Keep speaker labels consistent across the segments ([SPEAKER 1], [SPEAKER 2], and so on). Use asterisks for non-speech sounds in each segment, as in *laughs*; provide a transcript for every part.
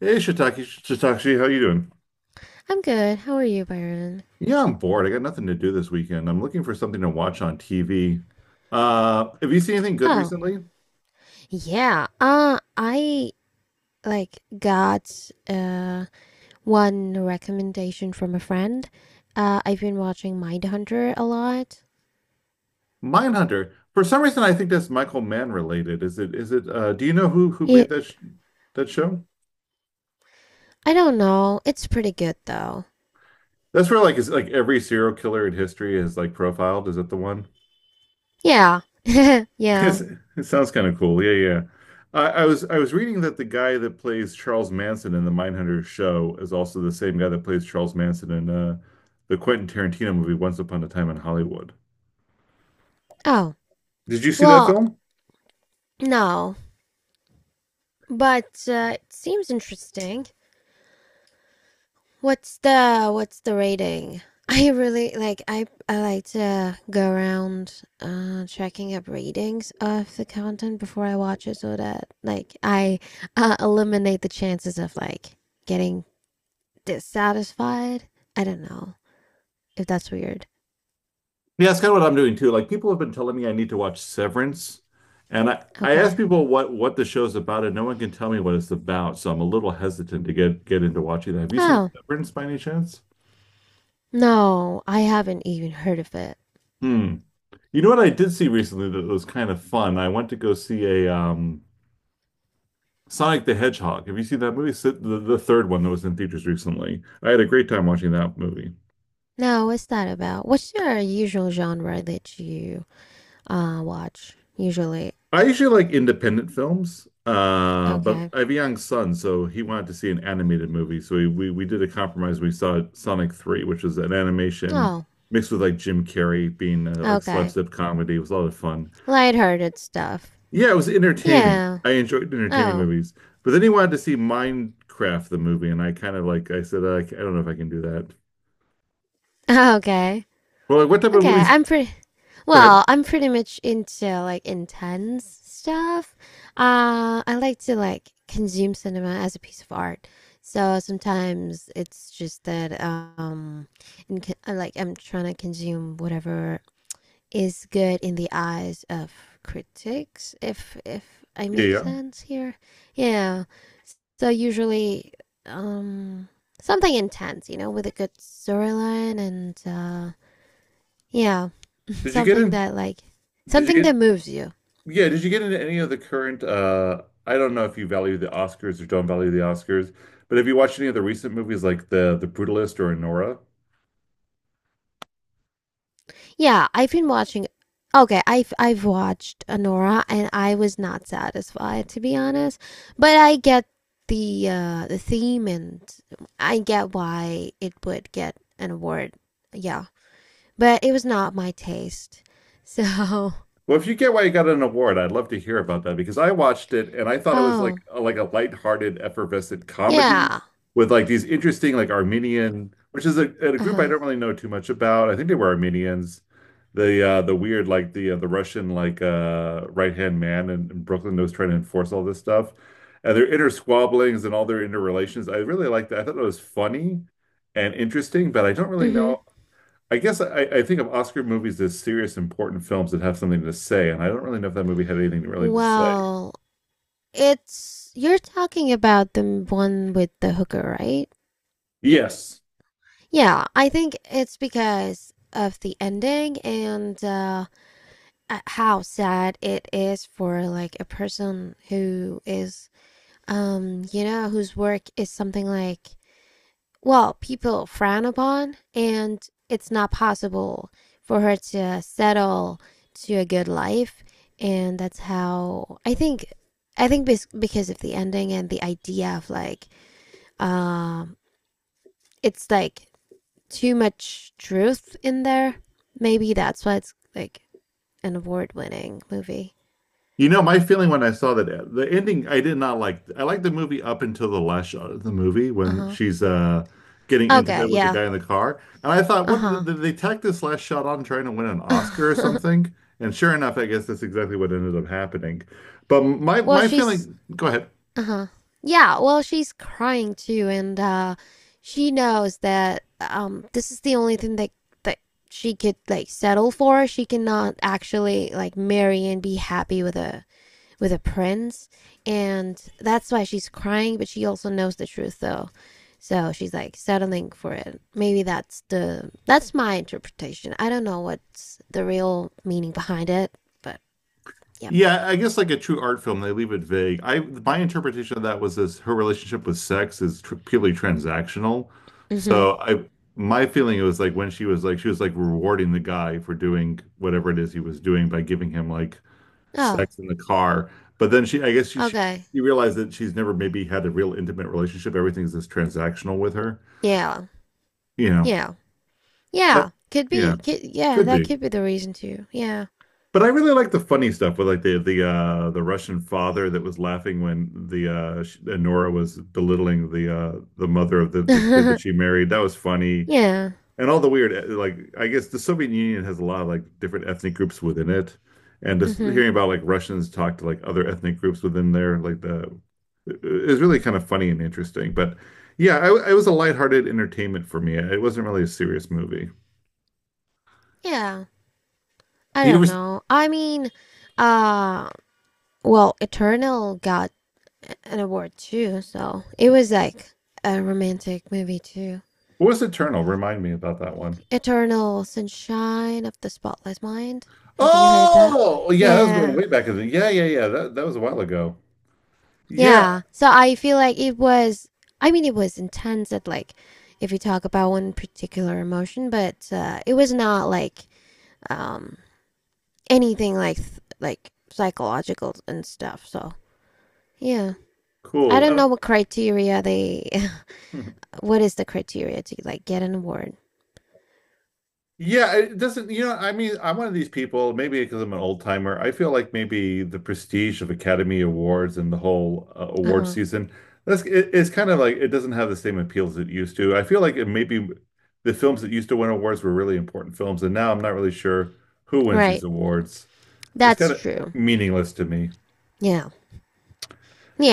[SPEAKER 1] Hey, Shiitake, Shiitake, how you doing?
[SPEAKER 2] I'm good. How are you, Byron?
[SPEAKER 1] Yeah, I'm bored. I got nothing to do this weekend. I'm looking for something to watch on TV. Have you seen anything good
[SPEAKER 2] Oh,
[SPEAKER 1] recently?
[SPEAKER 2] yeah. I like got uh one recommendation from a friend. I've been watching Mindhunter a lot.
[SPEAKER 1] Mindhunter. For some reason, I think that's Michael Mann related. Is it? Is it? Do you know who
[SPEAKER 2] Yeah,
[SPEAKER 1] made that sh that show?
[SPEAKER 2] I don't know. It's pretty good though.
[SPEAKER 1] That's where like is like every serial killer in history is like profiled. Is it the one?
[SPEAKER 2] Yeah. *laughs*
[SPEAKER 1] *laughs*
[SPEAKER 2] Yeah.
[SPEAKER 1] It sounds kind of cool. Yeah, yeah. I was reading that the guy that plays Charles Manson in the Mindhunter show is also the same guy that plays Charles Manson in the Quentin Tarantino movie Once Upon a Time in Hollywood.
[SPEAKER 2] Oh,
[SPEAKER 1] Did you see that
[SPEAKER 2] well,
[SPEAKER 1] film?
[SPEAKER 2] no. But it seems interesting. What's the rating? *laughs* I like to go around checking up ratings of the content before I watch it so that like I eliminate the chances of like getting dissatisfied. I don't know if that's weird.
[SPEAKER 1] Yeah, that's kind of what I'm doing too. Like people have been telling me I need to watch Severance, and I ask
[SPEAKER 2] Okay.
[SPEAKER 1] people what the show's about, and no one can tell me what it's about. So I'm a little hesitant to get into watching that. Have you seen
[SPEAKER 2] Oh,
[SPEAKER 1] Severance by any chance?
[SPEAKER 2] no, I haven't even heard of it.
[SPEAKER 1] Hmm. You know what I did see recently that was kind of fun. I went to go see a Sonic the Hedgehog. Have you seen that movie? It's the third one that was in theaters recently. I had a great time watching that movie.
[SPEAKER 2] No, what's that about? What's your usual genre that you watch usually?
[SPEAKER 1] I usually like independent films, but
[SPEAKER 2] Okay.
[SPEAKER 1] I have a young son, so he wanted to see an animated movie. So we did a compromise. We saw Sonic 3, which was an animation
[SPEAKER 2] Oh,
[SPEAKER 1] mixed with like Jim Carrey being like
[SPEAKER 2] okay.
[SPEAKER 1] slapstick comedy. It was a lot of fun.
[SPEAKER 2] Lighthearted stuff.
[SPEAKER 1] Yeah, it was entertaining.
[SPEAKER 2] Yeah.
[SPEAKER 1] I enjoyed entertaining
[SPEAKER 2] Oh. *laughs*
[SPEAKER 1] movies, but then he wanted to see Minecraft the movie, and I kind of like I said I don't know if I can do that.
[SPEAKER 2] Okay.
[SPEAKER 1] Well, like, what type of
[SPEAKER 2] Okay.
[SPEAKER 1] movies?
[SPEAKER 2] I'm pretty
[SPEAKER 1] Go ahead.
[SPEAKER 2] well, I'm pretty much into like intense stuff. I like to like consume cinema as a piece of art. So sometimes it's just that in, like I'm trying to consume whatever is good in the eyes of critics if I
[SPEAKER 1] Yeah,
[SPEAKER 2] make
[SPEAKER 1] yeah.
[SPEAKER 2] sense here. Yeah. So usually, um, something intense, with a good storyline and yeah,
[SPEAKER 1] Did you get
[SPEAKER 2] something
[SPEAKER 1] in?
[SPEAKER 2] that like
[SPEAKER 1] Did you
[SPEAKER 2] something that
[SPEAKER 1] get?
[SPEAKER 2] moves you.
[SPEAKER 1] Yeah, did you get into any of the current I don't know if you value the Oscars or don't value the Oscars, but have you watched any of the recent movies like the Brutalist or Anora?
[SPEAKER 2] Yeah, I've been watching. Okay, I've watched Anora, and I was not satisfied to be honest. But I get the theme, and I get why it would get an award. Yeah, but it was not my taste. So,
[SPEAKER 1] Well, if you get why you got an award, I'd love to hear about that because I watched it and I
[SPEAKER 2] *laughs*
[SPEAKER 1] thought it was like
[SPEAKER 2] oh
[SPEAKER 1] like a lighthearted, effervescent comedy
[SPEAKER 2] yeah.
[SPEAKER 1] with like these interesting like Armenian, which is a
[SPEAKER 2] Uh
[SPEAKER 1] group I
[SPEAKER 2] huh.
[SPEAKER 1] don't really know too much about. I think they were Armenians. The weird like the Russian like right-hand man in Brooklyn that was trying to enforce all this stuff and their inner squabblings and all their interrelations. I really liked that. I thought it was funny and interesting, but I don't really
[SPEAKER 2] Mm-hmm.
[SPEAKER 1] know. I guess I think of Oscar movies as serious, important films that have something to say, and I don't really know if that movie had anything really to say.
[SPEAKER 2] Well, it's you're talking about the one with the hooker, right?
[SPEAKER 1] Yes.
[SPEAKER 2] Yeah, I think it's because of the ending and how sad it is for like a person who is whose work is something like, well, people frown upon, and it's not possible for her to settle to a good life. And that's how I think. I think because of the ending and the idea of like, um, it's like too much truth in there. Maybe that's why it's like an award-winning movie.
[SPEAKER 1] You know, my feeling when I saw that the ending, I did not like. I liked the movie up until the last shot of the movie when
[SPEAKER 2] Uh
[SPEAKER 1] she's getting
[SPEAKER 2] huh. Okay.
[SPEAKER 1] intimate with the
[SPEAKER 2] Yeah.
[SPEAKER 1] guy in the car, and I thought,
[SPEAKER 2] Uh
[SPEAKER 1] what
[SPEAKER 2] huh.
[SPEAKER 1] did they tack this last shot on trying to win an Oscar or something? And sure enough, I guess that's exactly what ended up happening. But my
[SPEAKER 2] *laughs* well,
[SPEAKER 1] my
[SPEAKER 2] she's
[SPEAKER 1] feeling, go ahead.
[SPEAKER 2] Uh-huh. Yeah, well, she's crying too, and she knows that this is the only thing that she could like settle for. She cannot actually like marry and be happy with a prince, and that's why she's crying, but she also knows the truth though. So she's like settling for it. Maybe that's my interpretation. I don't know what's the real meaning behind it, but yeah.
[SPEAKER 1] Yeah, I guess like a true art film, they leave it vague. I my interpretation of that was this her relationship with sex is tr purely transactional.
[SPEAKER 2] Mm-hmm.
[SPEAKER 1] So I my feeling it was like when she was like rewarding the guy for doing whatever it is he was doing by giving him like
[SPEAKER 2] Oh,
[SPEAKER 1] sex in the car. But then she I guess
[SPEAKER 2] okay.
[SPEAKER 1] she realized that she's never maybe had a real intimate relationship. Everything's just transactional with her,
[SPEAKER 2] Yeah.
[SPEAKER 1] you know.
[SPEAKER 2] Yeah.
[SPEAKER 1] But
[SPEAKER 2] Yeah, could
[SPEAKER 1] yeah,
[SPEAKER 2] be. Yeah,
[SPEAKER 1] could
[SPEAKER 2] that
[SPEAKER 1] be.
[SPEAKER 2] could be the reason too. Yeah.
[SPEAKER 1] But I really like the funny stuff with like the Russian father that was laughing when the Nora was belittling the mother of the kid that she
[SPEAKER 2] *laughs*
[SPEAKER 1] married. That was funny.
[SPEAKER 2] Yeah.
[SPEAKER 1] And all the weird like I guess the Soviet Union has a lot of like different ethnic groups within it. And just
[SPEAKER 2] Hmm.
[SPEAKER 1] hearing about like Russians talk to like other ethnic groups within there like the is really kind of funny and interesting. But yeah, it was a lighthearted entertainment for me. It wasn't really a serious movie.
[SPEAKER 2] Yeah. I
[SPEAKER 1] You
[SPEAKER 2] don't
[SPEAKER 1] ever,
[SPEAKER 2] know. I mean, uh, well, Eternal got an award too, so it was like a romantic movie too.
[SPEAKER 1] what was Eternal? Remind me about that one.
[SPEAKER 2] Eternal Sunshine of the Spotless Mind. Have you heard of that?
[SPEAKER 1] Oh, yeah, that was going
[SPEAKER 2] Yeah.
[SPEAKER 1] way back. Yeah, yeah, yeah. That was a while ago. Yeah,
[SPEAKER 2] Yeah. So I feel like I mean, it was intense at like, if you talk about one particular emotion, but it was not like um anything like psychological and stuff. So yeah, I
[SPEAKER 1] cool.
[SPEAKER 2] don't know what criteria they. *laughs*
[SPEAKER 1] Hmm.
[SPEAKER 2] What is the criteria to like get an award?
[SPEAKER 1] Yeah, it doesn't, you know, I mean, I'm one of these people, maybe because I'm an old timer. I feel like maybe the prestige of Academy Awards and the whole
[SPEAKER 2] Uh
[SPEAKER 1] award
[SPEAKER 2] huh.
[SPEAKER 1] season, that's it, it's kind of like it doesn't have the same appeal as it used to. I feel like it maybe the films that used to win awards were really important films, and now I'm not really sure who wins these
[SPEAKER 2] Right.
[SPEAKER 1] awards. It's
[SPEAKER 2] That's
[SPEAKER 1] kind of
[SPEAKER 2] true.
[SPEAKER 1] meaningless to me.
[SPEAKER 2] Yeah.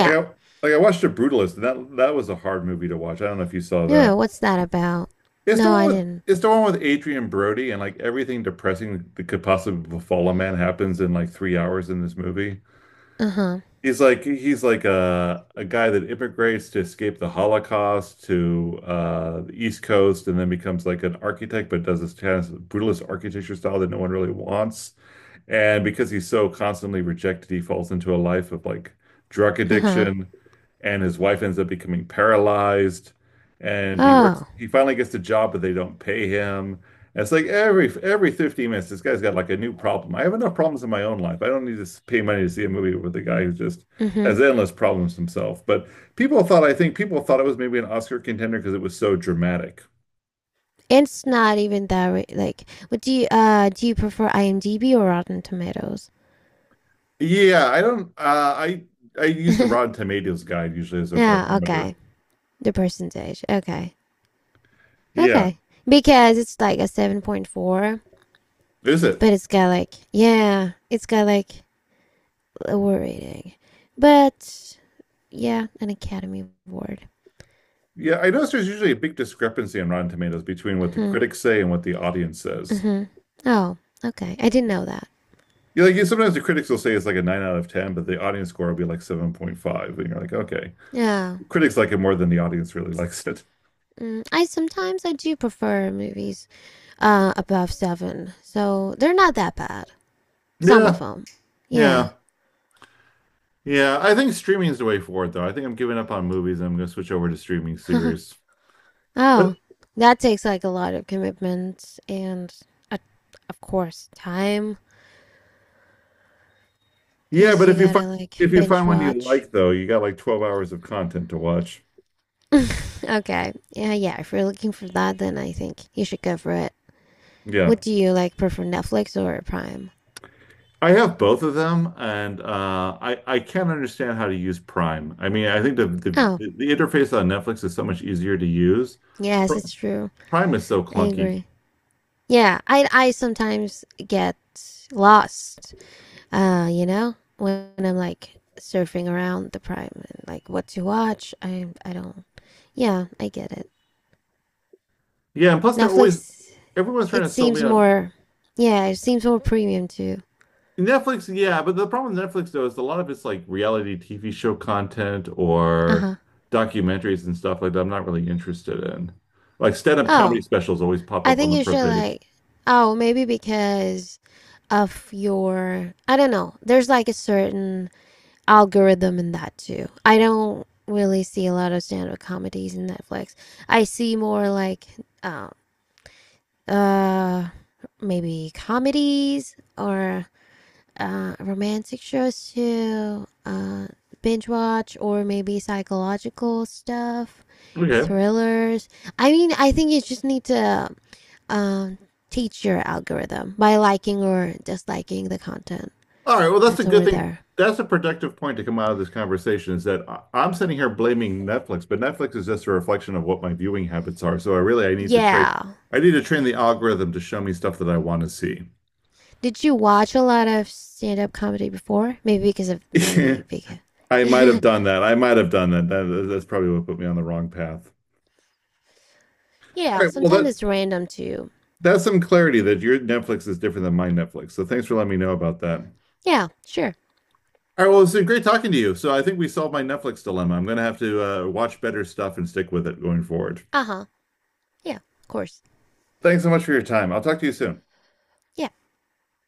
[SPEAKER 1] Like I like I watched The Brutalist, and that was a hard movie to watch. I don't know if you saw
[SPEAKER 2] Yeah.
[SPEAKER 1] that.
[SPEAKER 2] What's that about?
[SPEAKER 1] It's the
[SPEAKER 2] No,
[SPEAKER 1] one
[SPEAKER 2] I
[SPEAKER 1] with
[SPEAKER 2] didn't.
[SPEAKER 1] it's the one with Adrian Brody, and like everything depressing that could possibly befall a man happens in like 3 hours in this movie.
[SPEAKER 2] Uh huh.
[SPEAKER 1] He's like a guy that immigrates to escape the Holocaust to the East Coast, and then becomes like an architect, but does this kind of brutalist architecture style that no one really wants. And because he's so constantly rejected, he falls into a life of like drug
[SPEAKER 2] Uh huh.
[SPEAKER 1] addiction, and his wife ends up becoming paralyzed. And he works,
[SPEAKER 2] Oh.
[SPEAKER 1] he finally gets a job, but they don't pay him. And it's like every 15 minutes, this guy's got like a new problem. I have enough problems in my own life. I don't need to pay money to see a movie with a guy who just
[SPEAKER 2] Mm hmm.
[SPEAKER 1] has endless problems himself. But I think people thought it was maybe an Oscar contender because it was so dramatic.
[SPEAKER 2] It's not even that re- like. What do you prefer IMDb or Rotten Tomatoes?
[SPEAKER 1] Yeah, I don't, I used a Rotten
[SPEAKER 2] *laughs*
[SPEAKER 1] Tomatoes guide usually as a
[SPEAKER 2] Yeah.
[SPEAKER 1] barometer.
[SPEAKER 2] Okay. The percentage. Okay.
[SPEAKER 1] Yeah.
[SPEAKER 2] Okay. Because it's like a 7.4.
[SPEAKER 1] Is it?
[SPEAKER 2] But it's got like, yeah, it's got like lower rating. But yeah, an Academy Award.
[SPEAKER 1] Yeah, I notice there's usually a big discrepancy on Rotten Tomatoes between what the
[SPEAKER 2] Hmm.
[SPEAKER 1] critics say and what the audience says.
[SPEAKER 2] Hmm. Oh, okay. I didn't know that.
[SPEAKER 1] Yeah, like yeah, sometimes the critics will say it's like a nine out of ten, but the audience score will be like 7.5. And you're like, okay.
[SPEAKER 2] Yeah.
[SPEAKER 1] Critics like it more than the audience really *laughs* likes it.
[SPEAKER 2] I do prefer movies above seven, so they're not that bad. Some of
[SPEAKER 1] Yeah,
[SPEAKER 2] them, yeah.
[SPEAKER 1] yeah. Yeah. I think streaming is the way forward though. I think I'm giving up on movies and I'm gonna switch over to streaming series.
[SPEAKER 2] *laughs* Oh,
[SPEAKER 1] But
[SPEAKER 2] that takes like a lot of commitment and, uh, of course, time,
[SPEAKER 1] yeah,
[SPEAKER 2] cause
[SPEAKER 1] but
[SPEAKER 2] you gotta like
[SPEAKER 1] if you
[SPEAKER 2] binge
[SPEAKER 1] find one you
[SPEAKER 2] watch.
[SPEAKER 1] like though, you got like 12 hours of content to watch.
[SPEAKER 2] *laughs* Okay. Yeah, yeah. If you're looking for that, then I think you should go for it.
[SPEAKER 1] Yeah.
[SPEAKER 2] What do you like prefer, Netflix or Prime?
[SPEAKER 1] I have both of them, and I can't understand how to use Prime. I mean, I think
[SPEAKER 2] Oh,
[SPEAKER 1] the interface on Netflix is so much easier to use. Pr
[SPEAKER 2] yes, it's true.
[SPEAKER 1] Prime is so
[SPEAKER 2] I
[SPEAKER 1] clunky.
[SPEAKER 2] agree. Yeah, I sometimes get lost. When I'm like surfing around the Prime and like what to watch. I don't. Yeah, I get it.
[SPEAKER 1] Yeah, and plus they're always
[SPEAKER 2] Netflix.
[SPEAKER 1] everyone's trying
[SPEAKER 2] It
[SPEAKER 1] to sell me
[SPEAKER 2] seems
[SPEAKER 1] on
[SPEAKER 2] more. Yeah, it seems more premium too.
[SPEAKER 1] Netflix. Yeah, but the problem with Netflix though is a lot of it's like reality TV show content
[SPEAKER 2] Uh
[SPEAKER 1] or
[SPEAKER 2] huh.
[SPEAKER 1] documentaries and stuff like that. I'm not really interested in. Like stand-up comedy
[SPEAKER 2] Oh,
[SPEAKER 1] specials always pop
[SPEAKER 2] I
[SPEAKER 1] up on
[SPEAKER 2] think
[SPEAKER 1] the
[SPEAKER 2] you
[SPEAKER 1] front
[SPEAKER 2] should
[SPEAKER 1] page.
[SPEAKER 2] like, oh, maybe because of your, I don't know. There's like a certain algorithm in that too. I don't really see a lot of stand-up comedies in Netflix. I see more like, um, uh, maybe comedies or romantic shows too. Binge watch or maybe psychological stuff,
[SPEAKER 1] Okay.
[SPEAKER 2] thrillers. I mean, I think you just need to um, teach your algorithm by liking or disliking the content
[SPEAKER 1] All right. Well, that's a
[SPEAKER 2] that's
[SPEAKER 1] good
[SPEAKER 2] over
[SPEAKER 1] thing.
[SPEAKER 2] there.
[SPEAKER 1] That's a productive point to come out of this conversation is that I'm sitting here blaming Netflix, but Netflix is just a reflection of what my viewing habits are. So I really I need to train
[SPEAKER 2] Yeah.
[SPEAKER 1] I need to train the algorithm to show me stuff that I want to see.
[SPEAKER 2] Did you watch a lot of stand up comedy before? Maybe
[SPEAKER 1] *laughs* I might
[SPEAKER 2] because.
[SPEAKER 1] have
[SPEAKER 2] *laughs*
[SPEAKER 1] done that. I might have done that. That's probably what put me on the wrong path.
[SPEAKER 2] Yeah,
[SPEAKER 1] All right. Well,
[SPEAKER 2] sometimes it's random too.
[SPEAKER 1] that's some clarity that your Netflix is different than my Netflix. So thanks for letting me know about that.
[SPEAKER 2] Yeah, sure.
[SPEAKER 1] All right. Well, it's been great talking to you. So I think we solved my Netflix dilemma. I'm going to have to watch better stuff and stick with it going forward.
[SPEAKER 2] Uh huh. Yeah, of course.
[SPEAKER 1] Thanks so much for your time. I'll talk to you soon.
[SPEAKER 2] Yeah.